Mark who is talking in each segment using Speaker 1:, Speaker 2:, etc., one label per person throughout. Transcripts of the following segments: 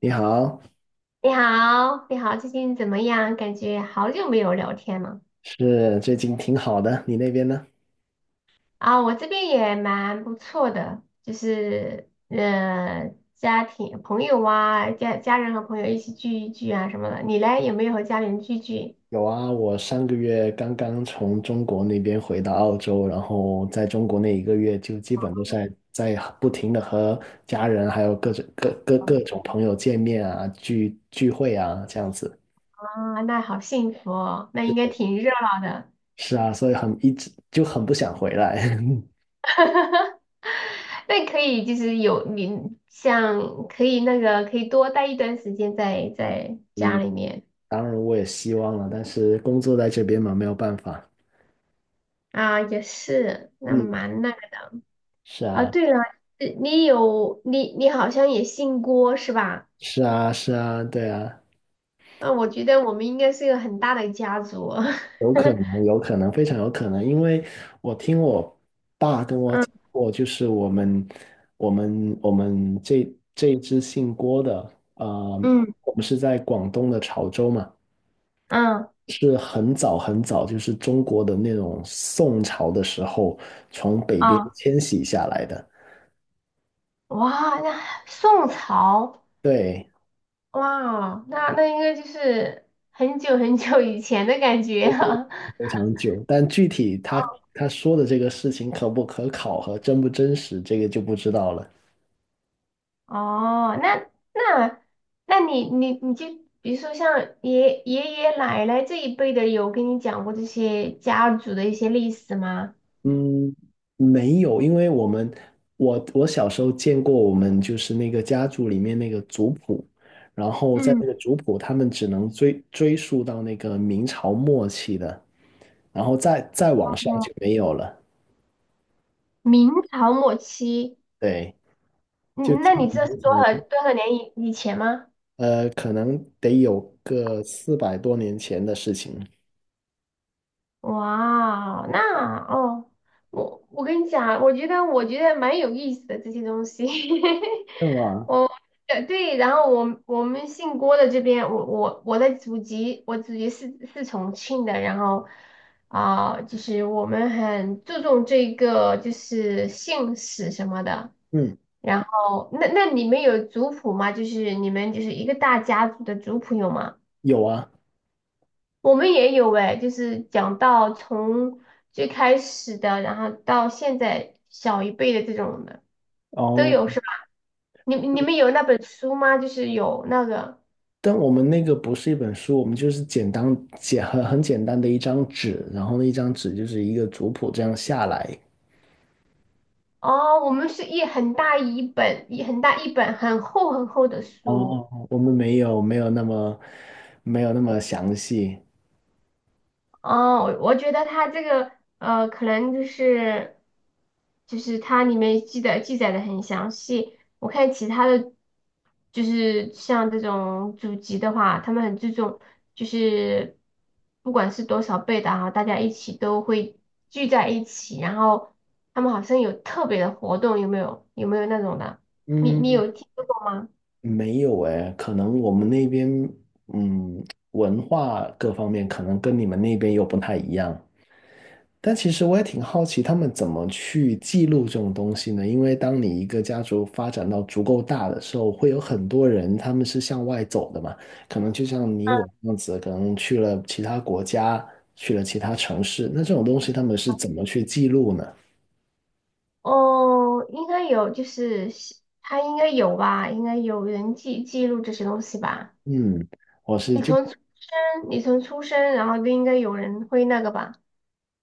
Speaker 1: 你好。
Speaker 2: 你好，你好，最近怎么样？感觉好久没有聊天了
Speaker 1: 是，最近挺好的，你那边呢？
Speaker 2: 啊，我这边也蛮不错的，就是家庭、朋友啊，家人和朋友一起聚一聚啊什么的。你嘞，有没有和家里人聚聚
Speaker 1: 有啊，我上个月刚刚从中国那边回到澳洲，然后在中国那一个月就基本都在不停的和家人还有各种朋友见面啊，聚会啊，这样子。
Speaker 2: 啊？那好幸福哦，那应该
Speaker 1: 是
Speaker 2: 挺热闹的。
Speaker 1: 是啊，所以很一直就很不想回来。
Speaker 2: 那可以，就是有你像可以那个可以多待一段时间在家
Speaker 1: 嗯，
Speaker 2: 里面。
Speaker 1: 当然我也希望了，但是工作在这边嘛，没有办法。
Speaker 2: 啊，也是，那
Speaker 1: 嗯，
Speaker 2: 蛮那。
Speaker 1: 是
Speaker 2: 啊，
Speaker 1: 啊，
Speaker 2: 对了，你有你好像也姓郭是吧？
Speaker 1: 是啊，是啊，对啊。
Speaker 2: 啊，我觉得我们应该是一个很大的家族。
Speaker 1: 有可 能，有可能，非常有可能，因为我听我爸跟我讲
Speaker 2: 嗯
Speaker 1: 过，就是我们这一支姓郭的，
Speaker 2: 嗯
Speaker 1: 我们是在广东的潮州嘛，
Speaker 2: 嗯
Speaker 1: 是很早很早，就是中国的那种宋朝的时候从北边
Speaker 2: 啊。
Speaker 1: 迁徙下来的。
Speaker 2: 哇，那宋朝，
Speaker 1: 对，
Speaker 2: 哇，那应该就是很久很久以前的感觉啊。
Speaker 1: 非常久。但具体他说的这个事情可不可考和真不真实，这个就不知道了。
Speaker 2: 哦，那那你就比如说像爷爷奶奶这一辈的，有跟你讲过这些家族的一些历史吗？
Speaker 1: 嗯，没有，因为我们我我小时候见过我们就是那个家族里面那个族谱，然后在
Speaker 2: 嗯，
Speaker 1: 那个族谱，他们只能追溯到那个明朝末期的，然后再往上
Speaker 2: 哦
Speaker 1: 就没有了。
Speaker 2: 明朝末期，
Speaker 1: 对，就
Speaker 2: 嗯，
Speaker 1: 挺
Speaker 2: 那你知道是
Speaker 1: 了解
Speaker 2: 多少年以前吗？
Speaker 1: 可能得有个400多年前的事情。
Speaker 2: 哇，那哦，我跟你讲，我觉得蛮有意思的这些东西。
Speaker 1: 对吧？
Speaker 2: 我对，然后我们姓郭的这边，我的祖籍，我祖籍是重庆的，然后啊、就是我们很注重这个就是姓氏什么的。
Speaker 1: 嗯，
Speaker 2: 然后，那你们有族谱吗？就是你们就是一个大家族的族谱有吗？
Speaker 1: 有啊。
Speaker 2: 我们也有哎，就是讲到从最开始的，然后到现在小一辈的这种的都
Speaker 1: 哦，
Speaker 2: 有是吧？你们有那本书吗？就是有那个
Speaker 1: 但我们那个不是一本书，我们就是简单简很很简单的一张纸，然后那一张纸就是一个族谱这样下来。
Speaker 2: 哦，我们是一很大一本，一很大一本很厚很厚的书。
Speaker 1: 哦，我们没有那么详细。
Speaker 2: 哦，我觉得它这个可能就是它里面记载的很详细。我看其他的，就是像这种祖籍的话，他们很注重，就是不管是多少辈的哈，大家一起都会聚在一起，然后他们好像有特别的活动，有没有？有没有那种的？你
Speaker 1: 嗯，
Speaker 2: 有听说过吗？
Speaker 1: 没有诶，可能我们那边嗯文化各方面可能跟你们那边又不太一样。但其实我也挺好奇，他们怎么去记录这种东西呢？因为当你一个家族发展到足够大的时候，会有很多人他们是向外走的嘛，可能就像你我这样子，可能去了其他国家，去了其他城市，那这种东西他们是怎么去记录呢？
Speaker 2: 哦，应该有，就是西他应该有吧，应该有人记录这些东西吧。
Speaker 1: 嗯，我是就
Speaker 2: 你从出生，然后就应该有人会那个吧。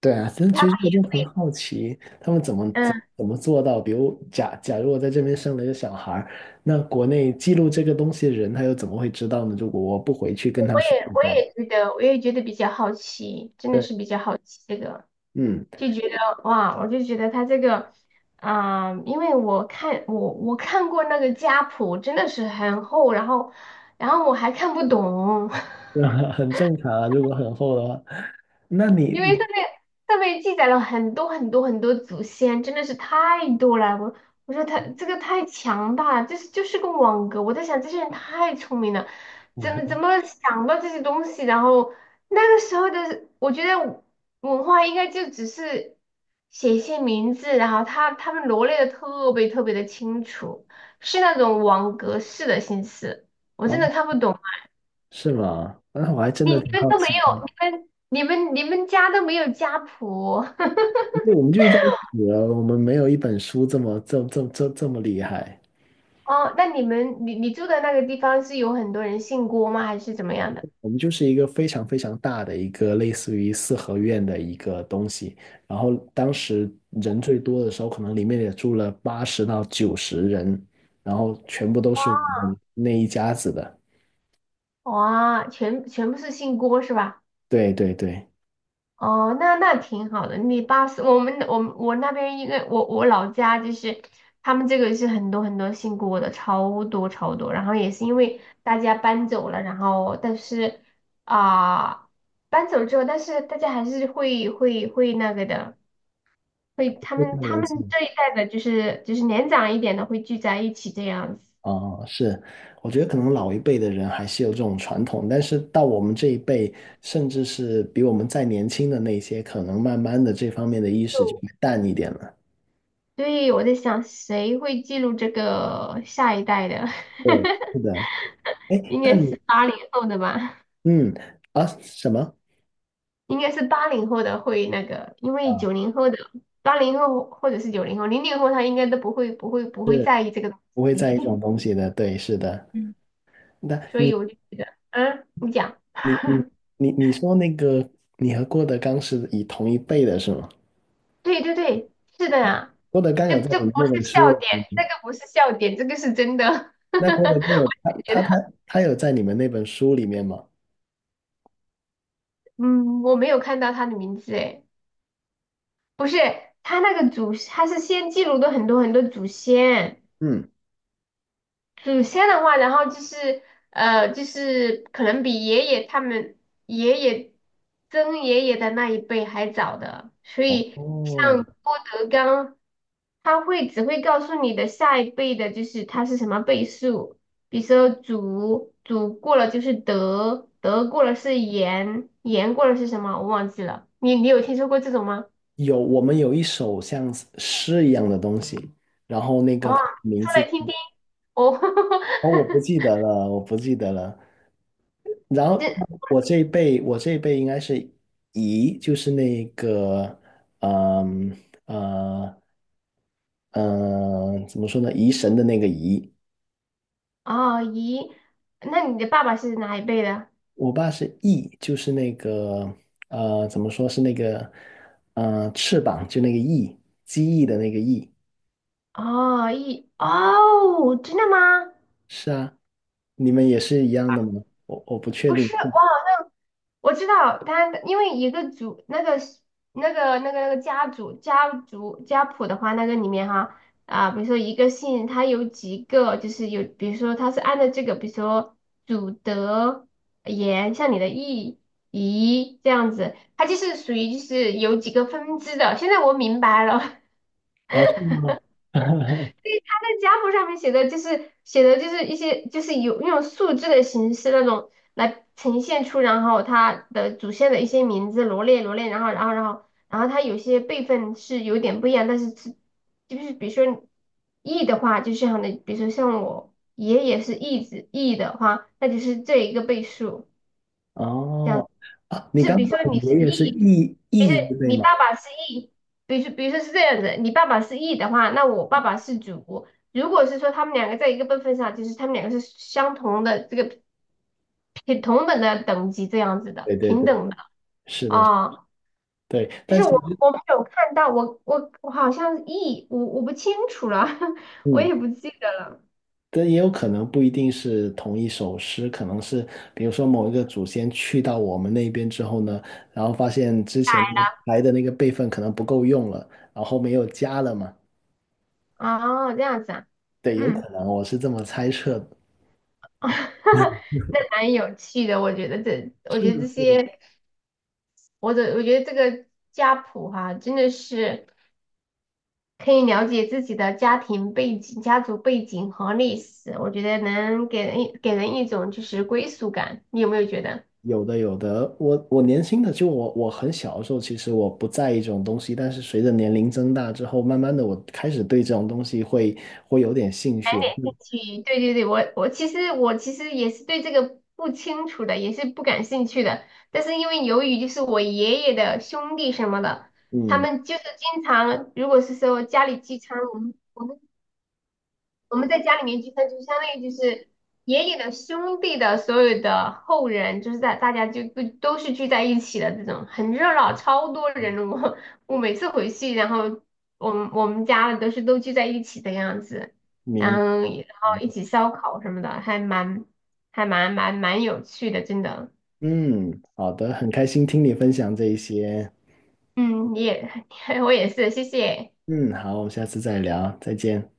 Speaker 1: 对啊，但
Speaker 2: 他
Speaker 1: 其
Speaker 2: 们
Speaker 1: 实我就
Speaker 2: 也
Speaker 1: 很
Speaker 2: 会，
Speaker 1: 好奇，他们怎么怎
Speaker 2: 嗯，
Speaker 1: 怎么做到？比如假如我在这边生了一个小孩儿，那国内记录这个东西的人，他又怎么会知道呢？如果我不回去跟他说的话。
Speaker 2: 我也觉得比较好奇，真的
Speaker 1: 对，
Speaker 2: 是比较好奇这个，
Speaker 1: 嗯，
Speaker 2: 就觉得哇，我就觉得他这个，啊、因为我看过那个家谱，真的是很厚，然后我还看不懂。
Speaker 1: 很正常啊，如果很厚的话，那你
Speaker 2: 因为上面记载了很多很多很多祖先，真的是太多了。我说他这个太强大了，这是就是个网格。我在想这些人太聪明了，怎么想到这些东西？然后那个时候的，我觉得文化应该就只是写一些名字，然后他们罗列的特别特别的清楚，是那种网格式的形式，我真
Speaker 1: 哦，
Speaker 2: 的看不懂啊。
Speaker 1: 是吗？那我还真
Speaker 2: 你
Speaker 1: 的
Speaker 2: 你
Speaker 1: 挺
Speaker 2: 们
Speaker 1: 好
Speaker 2: 都没
Speaker 1: 奇的，
Speaker 2: 有，
Speaker 1: 因
Speaker 2: 你们家都没有家谱。
Speaker 1: 为我们就遇到一起了，我们没有一本书这么这这这这么厉害，
Speaker 2: 哦，那你们你你住的那个地方是有很多人姓郭吗？还是怎么样的？
Speaker 1: 我们就是一个非常非常大的一个类似于四合院的一个东西，然后当时人最多的时候，可能里面也住了80到90人，然后全部都是我们那一家子的。
Speaker 2: 哇，全部是姓郭是吧？
Speaker 1: 对对对，
Speaker 2: 哦，那挺好的。你爸是我们我那边一个，我老家就是他们这个是很多很多姓郭的，超多超多。然后也是因为大家搬走了，然后但是啊、搬走之后，但是大家还是会那个的，会他
Speaker 1: 非
Speaker 2: 们
Speaker 1: 常
Speaker 2: 他
Speaker 1: 年
Speaker 2: 们
Speaker 1: 轻。
Speaker 2: 这一代的就是年长一点的会聚在一起这样子。
Speaker 1: 哦，是，我觉得可能老一辈的人还是有这种传统，但是到我们这一辈，甚至是比我们再年轻的那些，可能慢慢的这方面的意识就会淡一点了。
Speaker 2: 对，我在想谁会记录这个下一代的，
Speaker 1: 对，是的，哎，
Speaker 2: 应
Speaker 1: 但
Speaker 2: 该是
Speaker 1: 你
Speaker 2: 八零后的吧？
Speaker 1: 嗯啊什么
Speaker 2: 应该是八零后的会那个，因为
Speaker 1: 啊，
Speaker 2: 九零后的、八零后或者是九零后、零零后他应该都不会、不会、不会
Speaker 1: 是
Speaker 2: 在意这个东
Speaker 1: 不会在意这
Speaker 2: 西，
Speaker 1: 种东西的，对，是的。
Speaker 2: 嗯，
Speaker 1: 那
Speaker 2: 所以我就觉得，嗯，你讲，
Speaker 1: 你你你说那个你和郭德纲是以同一辈的是吗？
Speaker 2: 对对对，是的呀，
Speaker 1: 郭德纲
Speaker 2: 这
Speaker 1: 有在
Speaker 2: 这
Speaker 1: 你
Speaker 2: 不
Speaker 1: 们那
Speaker 2: 是
Speaker 1: 本
Speaker 2: 笑
Speaker 1: 书
Speaker 2: 点，
Speaker 1: 里，
Speaker 2: 这个不是笑点，这个是真的。
Speaker 1: 那郭德纲有他
Speaker 2: 觉
Speaker 1: 他
Speaker 2: 得，
Speaker 1: 他他有在你们那本书里面吗？
Speaker 2: 嗯，我没有看到他的名字哎。不是，他那个祖，他是先记录的很多很多祖先，
Speaker 1: 嗯。
Speaker 2: 祖先的话，然后就是就是可能比爷爷他们爷爷曾爷爷的那一辈还早的，所以
Speaker 1: 哦，
Speaker 2: 像郭德纲，只会告诉你的下一辈的，就是他是什么辈数，比如说祖过了就是德，德过了是严，严过了是什么，我忘记了，你有听说过这种吗？
Speaker 1: 有，我们有一首像诗一样的东西，然后那个
Speaker 2: 哇，
Speaker 1: 它的名
Speaker 2: 说
Speaker 1: 字，
Speaker 2: 来听听。哦，
Speaker 1: 哦，我不记 得了，我不记得了。然后
Speaker 2: 这
Speaker 1: 我这一辈应该是乙，就是那个，嗯呃怎么说呢？疑神的那个疑。
Speaker 2: 哦咦，那你的爸爸是哪一辈的？
Speaker 1: 我爸是翼，就是那个，怎么说是那个，翅膀，就那个翼，机翼的那个翼。
Speaker 2: 哦，一哦，真的吗？
Speaker 1: 是啊。你们也是一样的吗？我不确
Speaker 2: 不
Speaker 1: 定。
Speaker 2: 是，哇，我知道他，因为一个族那个家谱的话，那个里面哈啊，比如说一个姓，他有几个，就是有，比如说他是按照这个，比如说祖德言，像你的义仪这样子，它就是属于就是有几个分支的。现在我明白了，
Speaker 1: 哦，是吗？
Speaker 2: 在家谱上面写的就是一些就是有用数字的形式那种来呈现出，然后它的主线的一些名字罗列罗列，然后它有些辈分是有点不一样，但是就是比如说 E 的话，就像的，比如说像我爷爷是 E 子 E 的话，那就是这一个倍数。这样
Speaker 1: 哦，
Speaker 2: 子。
Speaker 1: 啊，你
Speaker 2: 就是
Speaker 1: 刚
Speaker 2: 比如
Speaker 1: 说
Speaker 2: 说你
Speaker 1: 你
Speaker 2: 是
Speaker 1: 爷爷是
Speaker 2: E,
Speaker 1: 义
Speaker 2: 比如说
Speaker 1: 义字辈
Speaker 2: 你
Speaker 1: 吗？
Speaker 2: 爸爸是 E,比如说是这样子，你爸爸是 E 的话，那我爸爸是主。如果是说他们两个在一个辈分上，就是他们两个是相同的这个平同等的等级这样子的，
Speaker 1: 对对
Speaker 2: 平
Speaker 1: 对，
Speaker 2: 等的
Speaker 1: 是的，
Speaker 2: 啊、
Speaker 1: 对。
Speaker 2: 就
Speaker 1: 但
Speaker 2: 是
Speaker 1: 其
Speaker 2: 我
Speaker 1: 实，
Speaker 2: 我没有看到，我好像是 E,我不清楚了，我
Speaker 1: 嗯，
Speaker 2: 也不记得了。
Speaker 1: 但也有可能不一定是同一首诗，可能是比如说某一个祖先去到我们那边之后呢，然后发现之前来的那个辈分可能不够用了，然后后面又加了嘛。
Speaker 2: 啊，这样子啊，
Speaker 1: 对，有
Speaker 2: 嗯，
Speaker 1: 可能，我是这么猜测的。
Speaker 2: 那蛮有趣的，我觉得这些。我觉得这个家谱哈、真的是可以了解自己的家庭背景、家族背景和历史，我觉得能给人一种就是归属感，你有没有觉得？
Speaker 1: 有的，有的。我年轻的就我很小的时候，其实我不在意这种东西，但是随着年龄增大之后，慢慢的我开始对这种东西会有点兴趣。
Speaker 2: 去，对对对，我其实也是对这个不清楚的，也是不感兴趣的，但是因为由于就是我爷爷的兄弟什么的，他
Speaker 1: 嗯，
Speaker 2: 们就是经常如果是说家里聚餐。我们在家里面聚餐，就相当于就是爷爷的兄弟的所有的后人，就是在大家就都是聚在一起的这种，很热闹，超多人。我每次回去，然后我们家都是都聚在一起的样子，然
Speaker 1: 明，
Speaker 2: 后然后一起烧烤什么的，还蛮蛮有趣的，真的。
Speaker 1: 嗯，好的，很开心听你分享这一些。
Speaker 2: 嗯，你也 我也是，谢谢。
Speaker 1: 嗯，好，我们下次再聊，再见。